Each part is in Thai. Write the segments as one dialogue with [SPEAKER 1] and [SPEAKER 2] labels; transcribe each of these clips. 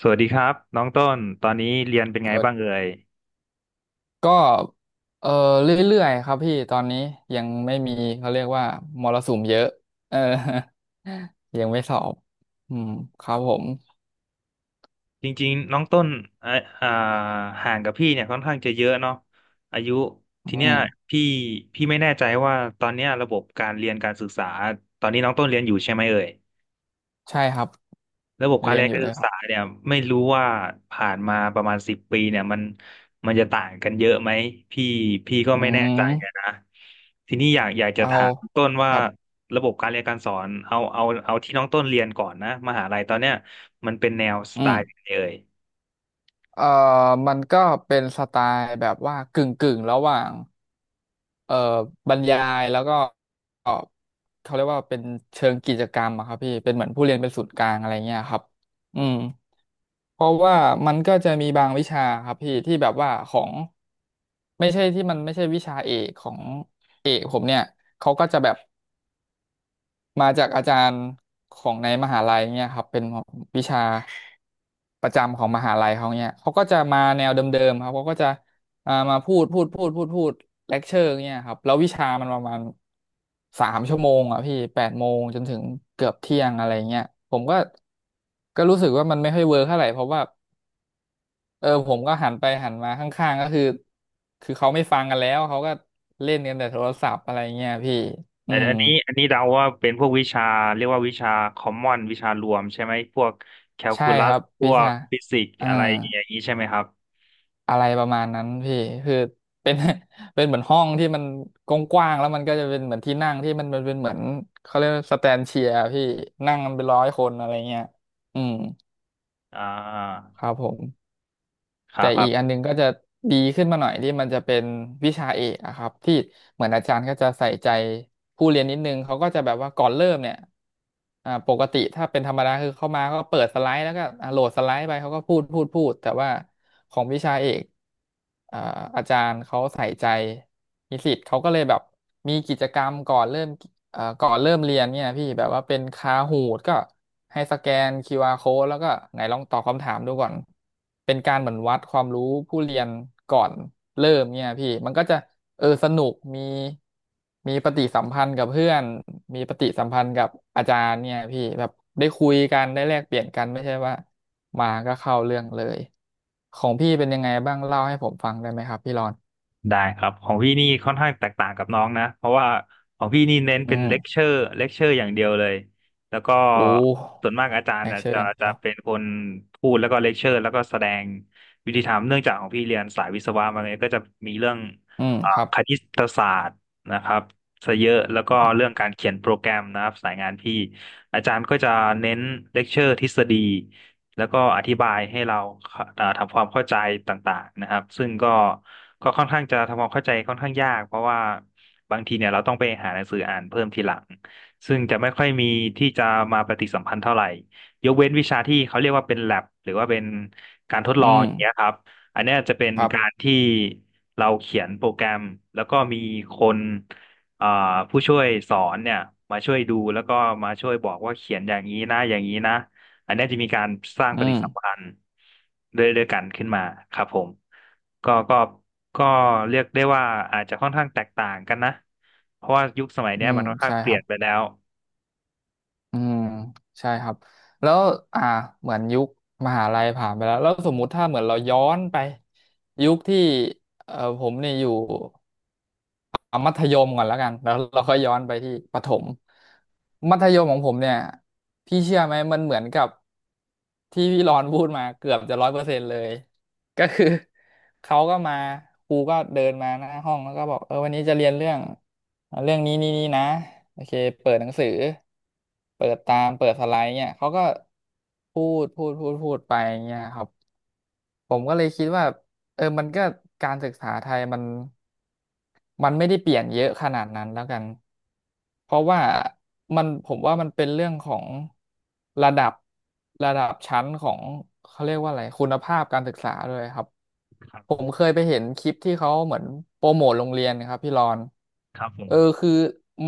[SPEAKER 1] สวัสดีครับน้องต้นตอนนี้เรียนเป็นไง
[SPEAKER 2] เปิด
[SPEAKER 1] บ้างเอ่ย
[SPEAKER 2] ก็เออเรื่อยๆครับพี่ตอนนี้ยังไม่มีเขาเรียกว่ามรสุมเยอะเออ ยังไม่สอบอืมครับผม
[SPEAKER 1] จริงๆน้องต้นเอ่ออ่าห่างกับพี่เนี่ยค่อนข้างจะเยอะเนาะอายุ
[SPEAKER 2] อื
[SPEAKER 1] ทีเนี้ย
[SPEAKER 2] ม
[SPEAKER 1] พี่พี่ไม่แน่ใจว่าตอนเนี้ยระบบการเรียนการศึกษาตอนนี้น้องต้นเรียนอยู่ใช่ไหมเอ่ย
[SPEAKER 2] ใช่ครับ
[SPEAKER 1] ระบบการ
[SPEAKER 2] เรีย
[SPEAKER 1] เรี
[SPEAKER 2] น
[SPEAKER 1] ยน
[SPEAKER 2] อยู่
[SPEAKER 1] การ
[SPEAKER 2] เลย
[SPEAKER 1] ศึก
[SPEAKER 2] ครั
[SPEAKER 1] ษา
[SPEAKER 2] บ
[SPEAKER 1] เนี่ยไม่รู้ว่าผ่านมาประมาณ10 ปีเนี่ยมันจะต่างกันเยอะไหมพี่พี่ก็
[SPEAKER 2] อื
[SPEAKER 1] ไม่แน่ใจอะ
[SPEAKER 2] ม
[SPEAKER 1] นะทีนี้อยากจะ
[SPEAKER 2] เอา
[SPEAKER 1] ถามต้น
[SPEAKER 2] ค
[SPEAKER 1] ว่า
[SPEAKER 2] รับ
[SPEAKER 1] ระบบการเรียนการสอนเอาที่น้องต้นเรียนก่อนนะมหาลัยตอนเนี้ยมันเป็นแนวส
[SPEAKER 2] อื
[SPEAKER 1] ไต
[SPEAKER 2] ม
[SPEAKER 1] ล์ไหนเอ่ย
[SPEAKER 2] เอ่อมันก็เป็นสไตล์แบบว่ากึ่งกึ่งระหว่าง เอ่อบรรยายแล้วก็เอ่อเขาเรียกว่าเป็นเชิงกิจกรรมอะครับพี่เป็นเหมือนผู้เรียนเป็นศูนย์กลางอะไรเงี้ยครับอืมเพราะว่ามันก็จะมีบางวิชาครับพี่ที่แบบว่าของไม่ใช่ที่มันไม่ใช่วิชาเอกของเอกผมเนี่ยเขาก็จะแบบ มาจากอาจารย์ของในมหาลัยเนี่ยครับเป็นวิชาประจำของมหาลัยเขาเนี่ยเขาก็จะมาแนวเดิมๆครับเขาก็จะมาพูดพูดพูดพูดพูดเลคเชอร์เนี่ยครับแล้ววิชามันประมาณสามชั่วโมงอ่ะพี่แปดโมงจนถึงเกือบเที่ยงอะไรเงี้ยผมก็รู้สึกว่ามันไม่ค่อยเวิร์คเท่าไหร่เพราะว่าผมก็หันไปหันมาข้างๆก็คือเขาไม่ฟังกันแล้วเขาก็เล่นกันแต่โทรศัพท์อะไรเงี้ยพี่อื
[SPEAKER 1] อัน
[SPEAKER 2] ม
[SPEAKER 1] อันนี้อันนี้เดาว่าเป็นพวกวิชาเรียกว่าวิชาคอมมอนวิชารวมใช่ไหมพวกแคล
[SPEAKER 2] ใช่
[SPEAKER 1] คูลั
[SPEAKER 2] ค
[SPEAKER 1] ส
[SPEAKER 2] รับ
[SPEAKER 1] พ
[SPEAKER 2] วิ
[SPEAKER 1] วก
[SPEAKER 2] ชา
[SPEAKER 1] ฟิสิกส์
[SPEAKER 2] อ่า
[SPEAKER 1] อะไรอย่างนี้ใช่ไหมครับ
[SPEAKER 2] อะไรประมาณนั้นพี่คือเป็น เป็นเหมือนห้องที่มันกว้างๆแล้วมันก็จะเป็นเหมือนที่นั่งที่มันเป็นเหมือนเขาเรียกว่าสแตนเชียร์พี่นั่งกันเป็นร้อยคนอะไรเงี้ยอืม
[SPEAKER 1] อ่า
[SPEAKER 2] ครับผม
[SPEAKER 1] ครั
[SPEAKER 2] แต่
[SPEAKER 1] บค
[SPEAKER 2] อี
[SPEAKER 1] รั
[SPEAKER 2] กอัน
[SPEAKER 1] บ
[SPEAKER 2] หนึงก็จะดีขึ้นมาหน่อยที่มันจะเป็นวิชาเอกอะครับที่เหมือนอาจารย์ก็จะใส่ใจผู้เรียนนิดนึงเขาก็จะแบบว่าก่อนเริ่มเนี่ยปกติถ้าเป็นธรรมดาคือเข้ามาก็เปิดสไลด์แล้วก็โหลดสไลด์ไปเขาก็พูดพูดพูดแต่ว่าของวิชาเอกอ่าอาจารย์เขาใส่ใจนิสิตเขาก็เลยแบบมีกิจกรรมก่อนเริ่ม ก่อนเริ่มเรียนเนี่ยพี่แบบว่าเป็นคาหูดก็ให้สแกนคิวอาร์ code แล้วก็ไหนลองตอบคำถามดูก่อนเป็นการเหมือนวัดความรู้ผู้เรียนก่อนเริ่มเนี่ยพี่มันก็จะเออสนุกมีมีปฏิสัมพันธ์กับเพื่อนมีปฏิสัมพันธ์กับอาจารย์เนี่ยพี่แบบได้คุยกันได้แลกเปลี่ยนกันไม่ใช่ว่ามาก็เข้าเรื่องเลยของพี่เป็นยังไงบ้างเล่าให้ผมฟังได้ไหมครับพี่รอน
[SPEAKER 1] ได้ครับของพี่นี่ค่อนข้างแตกต่างกับน้องนะเพราะว่าของพี่นี่เน้น
[SPEAKER 2] อื
[SPEAKER 1] เป็นเลคเช
[SPEAKER 2] ม
[SPEAKER 1] อร์เลคเชอร์อย่างเดียวเลยแล้วก็
[SPEAKER 2] โอ้
[SPEAKER 1] ส่วนมากอาจาร
[SPEAKER 2] แล
[SPEAKER 1] ย์
[SPEAKER 2] ก
[SPEAKER 1] น่ะ
[SPEAKER 2] เชอร์
[SPEAKER 1] จะ
[SPEAKER 2] อย่างเดี
[SPEAKER 1] จะ
[SPEAKER 2] ยว
[SPEAKER 1] เป็นคนพูดแล้วก็เลคเชอร์แล้วก็แสดงวิธีทำเนื่องจากของพี่เรียนสายวิศวะมาเนี่ยก็จะมีเรื่อง
[SPEAKER 2] อืมครับ
[SPEAKER 1] คณิตศาสตร์นะครับซะเยอะแล้วก็เรื่องการเขียนโปรแกรมนะครับสายงานพี่อาจารย์ก็จะเน้นเลคเชอร์ทฤษฎี แล้วก็อธิบายให้เราทำความเข้าใจต่างๆนะครับซึ่งก็ค่อนข้างจะทำความเข้าใจค่อนข้างยากเพราะว่าบางทีเนี่ยเราต้องไปหาหนังสืออ่านเพิ่มทีหลังซึ่งจะไม่ค่อยมีที่จะมาปฏิสัมพันธ์เท่าไหร่ยกเว้นวิชาที่เขาเรียกว่าเป็น lab หรือว่าเป็นการทดล
[SPEAKER 2] อื
[SPEAKER 1] อง
[SPEAKER 2] ม
[SPEAKER 1] อย่างเงี้ยครับอันเนี้ยจะเป็น
[SPEAKER 2] ครั
[SPEAKER 1] การ
[SPEAKER 2] บ
[SPEAKER 1] ที่เราเขียนโปรแกรมแล้วก็มีคนเอ่อผู้ช่วยสอนเนี่ยมาช่วยดูแล้วก็มาช่วยบอกว่าเขียนอย่างนี้นะอย่างนี้นะ อันเนี้ยจะมีการสร้าง
[SPEAKER 2] อื
[SPEAKER 1] ปฏิ
[SPEAKER 2] ม
[SPEAKER 1] สัมพันธ์ด้วยกันขึ้นมาครับผมก็ก็ก็เรียกได้ว่าอาจจะค่อนข้างแตกต่างกันนะเพราะว่ายุคสมัย
[SPEAKER 2] อื
[SPEAKER 1] เนี้ย
[SPEAKER 2] ม
[SPEAKER 1] มันค่อนข้าง
[SPEAKER 2] ใช่
[SPEAKER 1] เป
[SPEAKER 2] ค
[SPEAKER 1] ลี่
[SPEAKER 2] รั
[SPEAKER 1] ยน
[SPEAKER 2] บ
[SPEAKER 1] ไปแล้ว
[SPEAKER 2] อืมใช่ครับแล้วอ่าเหมือนยุคมหาลัยผ่านไปแล้วแล้วสมมุติถ้าเหมือนเราย้อนไปยุคที่เออผมเนี่ยอยู่ เอามัธยมก่อนแล้วกันแล้วเราค่อยย้อนไปที่ประถมมัธยมของผมเนี่ยพี่เชื่อไหมมันเหมือนกับที่พี่รอนพูดมาเกือบจะร้อยเปอร์เซ็นต์เลยก็คือเขาก็มาครูก็เดินมาหน้าห้องแล้วก็บอกเออวันนี้จะเรียนเรื่องเรื่องนี้นี่นี่นะโอเคเปิดหนังสือเปิดตามเปิดสไลด์เนี่ยเขาก็พูดพูดพูดพูดไปเนี่ยครับผมก็เลยคิดว่าเออมันก็การศึกษาไทยมัน มันไม่ได้เปลี่ยนเยอะขนาดนั้นแล้วกันเพราะว่ามันผมว่ามันเป็นเรื่องของระดับระดับชั้นของเขาเรียกว่าอะไรคุณภาพการศึกษาด้วยครับ
[SPEAKER 1] ครั
[SPEAKER 2] ผ
[SPEAKER 1] บ
[SPEAKER 2] มเคยไปเห็นคลิปที่เขาเหมือนโปรโมทโรงเรียนนะครับพี่รอน
[SPEAKER 1] ครับผม
[SPEAKER 2] เออคือ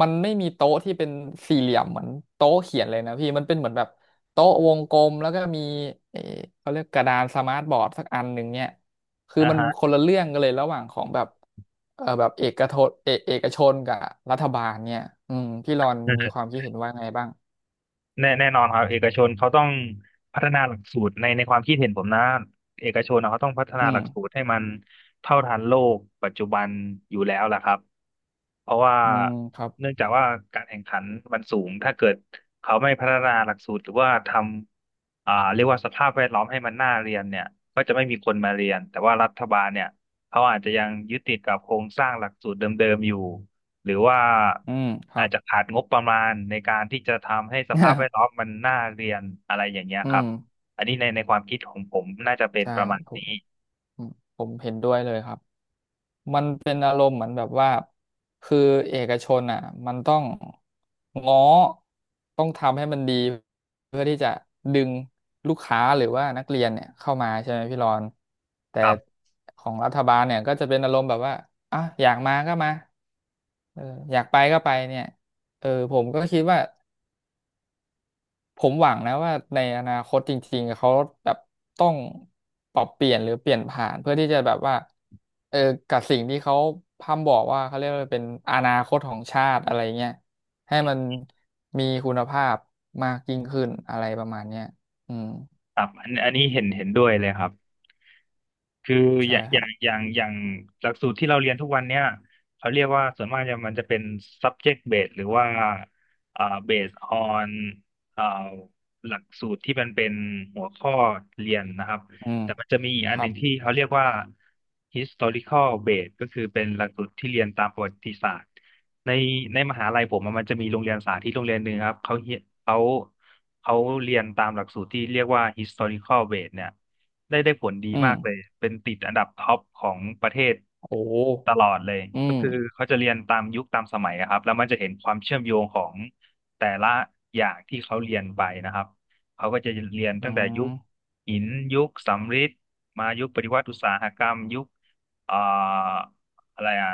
[SPEAKER 2] มันไม่มีโต๊ะที่เป็นสี่เหลี่ยมเหมือนโต๊ะเขียนเลยนะพี่มันเป็นเหมือนแบบโต๊ะวงกลมแล้วก็มีเออเขาเรียกกระดานสมาร์ทบอร์ดสักอันหนึ่งเนี่ย คือ
[SPEAKER 1] อ่า
[SPEAKER 2] มัน
[SPEAKER 1] ฮะ
[SPEAKER 2] คนละเรื่องกันเลยระหว่างของแบบ แบบเอกชนกับรัฐบาลเนี่ยอืมพี่รอนมีความคิดเห็นว่าไงบ้าง
[SPEAKER 1] แน่นอนครับเอกชนเขาต้องพัฒนาหลักสูตรในความคิดเห็นผมนะเอกชนนะเขาต้องพัฒนา
[SPEAKER 2] อื
[SPEAKER 1] ห
[SPEAKER 2] ม
[SPEAKER 1] ลักสูตรให้มันเท่าทันโลกปัจจุบันอยู่แล้วล่ะครับเพราะว่า
[SPEAKER 2] อืมครับ
[SPEAKER 1] เนื่องจากว่าการแข่งขันมันสูงถ้าเกิดเขาไม่พัฒนาหลักสูตรหรือว่าทำเรียกว่าสภาพแวดล้อมให้มันน่าเรียนเนี่ยก็จะไม่มีคนมาเรียนแต่ว่ารัฐบาลเนี่ยเขาอาจจะยังยึดติดกับโครงสร้างหลักสูตรเดิมๆอยู่ หรือว่า
[SPEAKER 2] อืมครั
[SPEAKER 1] อาจ
[SPEAKER 2] บ
[SPEAKER 1] จะขาดงบประมาณในการที่จะทำให้สภาพแว ดล้อมมันน่าเรียนอะไรอย่างเงี้ย
[SPEAKER 2] อื
[SPEAKER 1] ครับ
[SPEAKER 2] ม
[SPEAKER 1] อันนี้ในความคิดของผมน่าจะเป็น
[SPEAKER 2] ใช่
[SPEAKER 1] ประมาณ
[SPEAKER 2] ผม
[SPEAKER 1] นี้
[SPEAKER 2] ผมผมเห็นด้วยเลยครับ มันเป็นอารมณ์เหมือนแบบว่าคือเอกชนอ่ะมันต้องง้อต้องทำให้มันดีเพื่อที่จะดึงลูกค้าหรือว่านักเรียนเนี่ยเข้ามาใช่ไหมพี่รอนแต่
[SPEAKER 1] ครับ
[SPEAKER 2] ของรัฐบาลเนี่ยก็จะเป็นอารมณ์แบบว่าอ่ะอยากมาก็มาเอออยากไปก็ไปเนี่ยผมก็คิดว่า ผมหวังนะว่าในอนาคตจริงๆเขาแบบต้องปรับเปลี่ยนหรือเปลี่ยนผ่านเพื่อที่จะแบบว่าเออกับสิ่งที่เขาพร่ำบอกว่าเขาเรียกว่าเป็นอนาคตของชาติอะไรเงี้ยให้มันมีคุณภาพมากยิ่งขึ้นอะไรประมาณเนี้ยอืม
[SPEAKER 1] ครับอันอันนี้เห็นด้วยเลยครับ คืออ
[SPEAKER 2] ใช่
[SPEAKER 1] ย่าง
[SPEAKER 2] ค
[SPEAKER 1] อ
[SPEAKER 2] รั
[SPEAKER 1] ย่า
[SPEAKER 2] บ
[SPEAKER 1] งอย่างอย่างหลักสูตรที่เราเรียนทุกวันเนี่ยเขาเรียกว่าส่วนมากจะมันจะเป็น subject based หรือว่าอ่า based on อ่าหลักสูตรที่มันเป็นหัวข้อเรียนนะครับ
[SPEAKER 2] อืม
[SPEAKER 1] แต่มันจะมีอีก
[SPEAKER 2] ค
[SPEAKER 1] อันห
[SPEAKER 2] รั
[SPEAKER 1] นึ่
[SPEAKER 2] บ
[SPEAKER 1] งที่เขาเรียกว่า historical based ก็คือเป็นหลักสูตรที่เรียนตามประวัติศาสตร์ในในมหาลัยผมอะมันจะมีโรงเรียนสาธิตโรงเรียนหนึ่งครับเขาเขาเรียนตามหลักสูตรที่เรียกว่า historical based เนี่ย ได้ผลดี
[SPEAKER 2] อืม
[SPEAKER 1] มากเลย เป็นติดอันดับท็อปของประเทศ
[SPEAKER 2] โอ้
[SPEAKER 1] ตลอดเลย
[SPEAKER 2] อื
[SPEAKER 1] ก็
[SPEAKER 2] ม
[SPEAKER 1] คือเขาจะเรียนตามยุคตามสมัยอะครับแล้วมันจะเห็นความเชื่อมโยงของแต่ละอย่างที่เขาเรียนไปนะครับเขาก็จะเรียน
[SPEAKER 2] อื
[SPEAKER 1] ตั้งแต่ยุ
[SPEAKER 2] ม
[SPEAKER 1] คหินยุคสำริดมายุคปฏิวัติอุตสาหกรรมยุคเอ่ออะไรอะ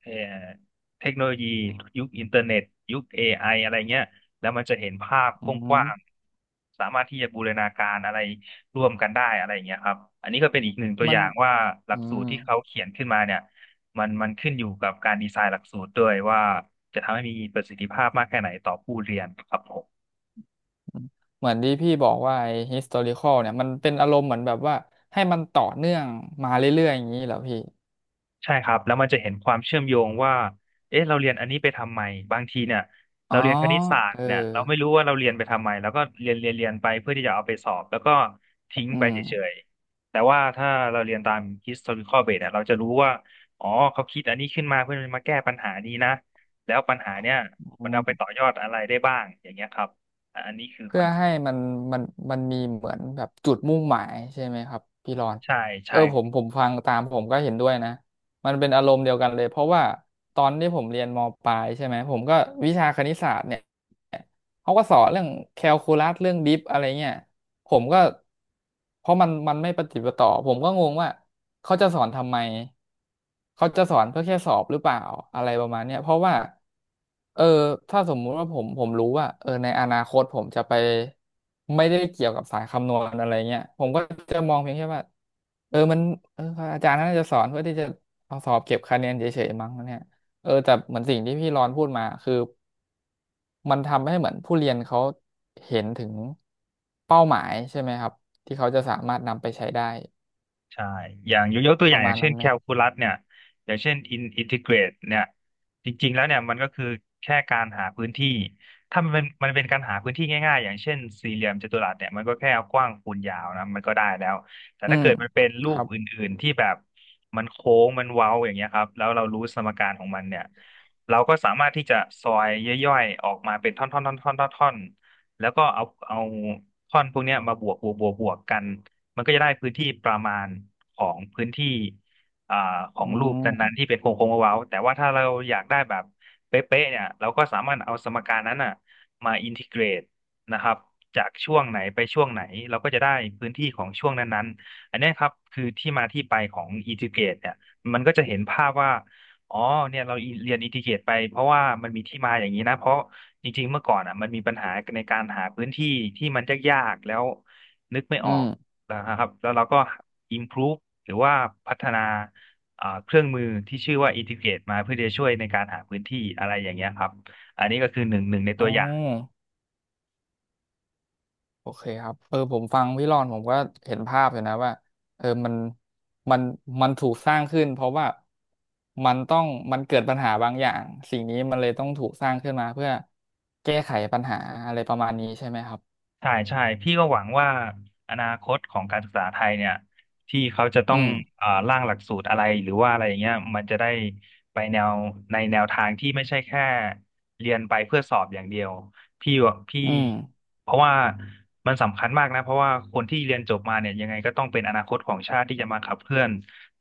[SPEAKER 1] เอ่อเทคโนโลยียุคอินเทอร์เน็ตยุค AI อะไรเงี้ยแล้วมันจะเห็นภาพ
[SPEAKER 2] อื
[SPEAKER 1] กว้าง
[SPEAKER 2] ม
[SPEAKER 1] ๆสามารถที่จะบูรณาการอะไร ร่วมกันได้อะไรอย่างเงี้ยครับ อันนี้ก็เป็นอีกหนึ่งตัว
[SPEAKER 2] มั
[SPEAKER 1] อ
[SPEAKER 2] น
[SPEAKER 1] ย่างว่าหลั
[SPEAKER 2] อื
[SPEAKER 1] กสูตร
[SPEAKER 2] ม
[SPEAKER 1] ที่เขาเขียนขึ้นมาเนี่ยมันขึ้นอยู่กับการดีไซน์หลักสูตรด้วยว่าจะทำให้มีประสิทธิภาพมากแค่ไหนต่อผู้เรียนครับผม
[SPEAKER 2] เหมือนที่พี่บอกว่าไอ้ historical เนี่ยมันเป็นอารมณ์เหมือนแบบว่าให้มันต่อเนื่องมาเรื่อยๆอย่างนี้เหรอพี่
[SPEAKER 1] ใช่ครับแล้วมันจะเห็นความเชื่อมโยงว่าเอ๊ะเราเรียนอันนี้ไปทำไมบางทีเนี่ย
[SPEAKER 2] อ๋
[SPEAKER 1] เรา
[SPEAKER 2] อ
[SPEAKER 1] เรียนคณิตศาสต
[SPEAKER 2] เออ
[SPEAKER 1] ร์เนี่ยเราไม่รู้ว่าเราเรียนไปทำไมแล้วก็เรียนไปเพื่อที่จะเอาไปสอบแล้วก็ทิ้ง
[SPEAKER 2] อื
[SPEAKER 1] ไป
[SPEAKER 2] ม
[SPEAKER 1] เฉยๆแต่ว่าถ้าเราเรียนตาม historical base เนี่ยเราจะรู้ว่าอ๋อเขาคิดอันนี้ขึ้นมาเพื่อมาแก้ปัญหานี้นะแล้วปัญหาเนี่ย
[SPEAKER 2] อื
[SPEAKER 1] มันเอาไป
[SPEAKER 2] ม
[SPEAKER 1] ต่อยอดอะไรได้บ้างอย่างเงี้ยครับอันนี้คือค
[SPEAKER 2] เพื่
[SPEAKER 1] อ
[SPEAKER 2] อ
[SPEAKER 1] นเซ็ป
[SPEAKER 2] ให้
[SPEAKER 1] ต์
[SPEAKER 2] มันมันมันมีเหมือนแบบจุดมุ่งหมายใช่ไหมครับพี่รอน
[SPEAKER 1] ใช่
[SPEAKER 2] เอ
[SPEAKER 1] ใช่
[SPEAKER 2] อผมฟังตามผมก็เห็นด้วยนะมันเป็นอารมณ์เดียวกันเลยเพราะว่าตอนที่ผมเรียนมปลายใช่ไหมผมก็วิชาคณิตศาสตร์เนี่ยเขาก็สอนเรื่องแคลคูลัสเรื่องดิฟอะไรเงี้ย ผมก็เพราะมันไม่ปฏิดปะต่อผมก็งงว่าเขาจะสอนทำไมเขาจะสอนเพื่อแค่สอบหรือเปล่าอะไรประมาณเนี้ยเพราะว่าเออถ้าสมมุติว่าผมรู้ว่าเออในอนาคตผมจะไปไม่ได้เกี่ยวกับสายคำนวณอะไรเงี้ยผมก็จะมองเพียงแค่ว่าเออมันเอออาจารย์น่าจะสอนเพื่อที่จะเอาสอบเก็บคะแนนเฉยๆมั้งเนี่ยเออแต่เหมือนสิ่งที่พี่รอนพูดมาคือ มันทำให้เหมือนผู้เรียนเขาเห็นถึงเป้าหมายใช่ไหมครับที่เขาจะสามารถนำไปใช้ได้
[SPEAKER 1] ใช่อย่างยกตัวอ
[SPEAKER 2] ป
[SPEAKER 1] ย่า
[SPEAKER 2] ระ
[SPEAKER 1] งอ
[SPEAKER 2] มา
[SPEAKER 1] ย่า
[SPEAKER 2] ณ
[SPEAKER 1] งเช่
[SPEAKER 2] นั้
[SPEAKER 1] น
[SPEAKER 2] นไห
[SPEAKER 1] แค
[SPEAKER 2] ม
[SPEAKER 1] ลคูลัสเนี่ย อย่างเช่นอินทิเกรตเนี่ยจริงๆแล้วเนี่ยมันก็คือแค่การหาพื้นที่ ถ้ามันเป็นการหาพื้นที่ง่ายๆอย่างเช่นสี่เหลี่ยมจัตุรัสเนี่ยมันก็แค่เอากว้างคูณยาวนะมันก็ได้แล้ว แต่
[SPEAKER 2] อื
[SPEAKER 1] ถ้า
[SPEAKER 2] ม
[SPEAKER 1] เกิดมันเป็นรู
[SPEAKER 2] ค
[SPEAKER 1] ป
[SPEAKER 2] รับ
[SPEAKER 1] อื่นๆที่แบบมันโค้งมันเว้าอย่างเงี้ยครับแล้วเรารู้สมการของมันเนี่ยเราก็สามารถที่จะซอยย่อยๆออกมาเป็นท่อนๆๆๆๆๆแล้วก็เอาท่อนพวกเนี้ยมาบวกกัน มันก็จะได้พื้นที่ประมาณของพื้นที่อ่าขอ
[SPEAKER 2] อื
[SPEAKER 1] งรูปนั้นๆ
[SPEAKER 2] ม
[SPEAKER 1] ที่เป็นโค้งโค้งเว้าๆแต่ว่าถ้าเราอยากได้แบบเป๊ะๆเนี่ยเราก็สามารถเอาสมการนั้นอ่ะมาอินทิเกรตนะครับจากช่วงไหนไปช่วงไหนเราก็จะได้พื้นที่ของช่วงนั้นๆอันเนี้ยครับคือที่มาที่ไปของอินทิเกรตเนี่ยมันก็จะเห็นภาพว่าอ๋อเนี่ยเราเรียนอินทิเกรตไปเพราะว่ามันมีที่มาอย่างนี้นะเพราะจริงๆเมื่อก่อนอ่ะมันมีปัญหาในการหาพื้นที่ที่มันยากๆแล้วนึกไม่อ
[SPEAKER 2] อื
[SPEAKER 1] อ
[SPEAKER 2] ม
[SPEAKER 1] ก นะครับแล้วเราก็ improve หรือว่าพัฒนาเครื่องมือที่ชื่อว่า Integrate มาเพื่อจะช่วยในการหาพื้นที่อะไรอย่างเงี้ยครับอันนี้ก็คือหนึ่งใน
[SPEAKER 2] อ๋
[SPEAKER 1] ตัวอย่าง
[SPEAKER 2] อโอเคครับเออผมฟังพี่รอนผมก็เห็นภาพอยู่นะว่าเออมันมันมันถูกสร้างขึ้นเพราะว่ามันต้องมันเกิดปัญหาบางอย่างสิ่งนี้มันเลยต้องถูกสร้างขึ้นมาเพื่อแก้ไขปัญหาอะไรประมาณนี้ใช่ไหมครับ
[SPEAKER 1] ใช่ใช่พี่ก็หวังว่าอนาคตของการศึกษาไทยเนี่ยที่เขาจะ
[SPEAKER 2] อื
[SPEAKER 1] ต้อง
[SPEAKER 2] ม
[SPEAKER 1] ร่างหลักสูตรอะไรหรือว่าอะไรอย่างเงี้ยมันจะได้ไปแนวในแนวทางที่ไม่ใช่แค่เรียนไปเพื่อสอบอย่างเดียวพี่ว่าพี่
[SPEAKER 2] อืม
[SPEAKER 1] เพราะว่ามันสำคัญมากนะเพราะว่าคนที่เรียนจบมาเนี่ยยังไงก็ต้องเป็นอนาคตของชาติที่จะมาขับเคลื่อน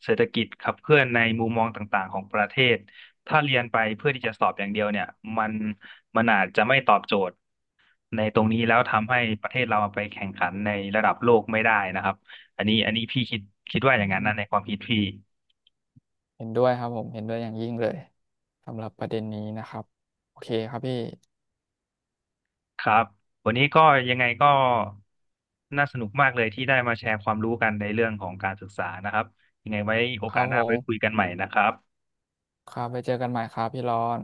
[SPEAKER 1] เศรษฐกิจขับเคลื่อนในมุมมองต่างๆของประเทศถ้าเรียนไปเพื่อที่จะสอบอย่างเดียวเนี่ยมันมันอาจจะไม่ตอบโจทย์ ในตรงนี้แล้วทำให้ประเทศเราไปแข่งขันในระดับโลกไม่ได้นะครับอันนี้พี่คิดว่าอย่างนั้นนะในความคิดพี่
[SPEAKER 2] เห็นด้วยครับผมเห็นด้วยอย่างยิ่งเลยสำหรับประเด็นนี้นะครับโอเคครับพี่
[SPEAKER 1] ครับวันนี้ก็ยังไงก็น่าสนุกมากเลยที่ได้มาแชร์ความรู้กันในเรื่องของการศึกษานะครับยังไงไว้โอ
[SPEAKER 2] ค
[SPEAKER 1] กา
[SPEAKER 2] รั
[SPEAKER 1] ส
[SPEAKER 2] บ
[SPEAKER 1] ห
[SPEAKER 2] ผ
[SPEAKER 1] น้า
[SPEAKER 2] ม
[SPEAKER 1] ไว้คุยกันใหม่นะครับ
[SPEAKER 2] ครับไปเจอกันใหม่ครับพี่รอน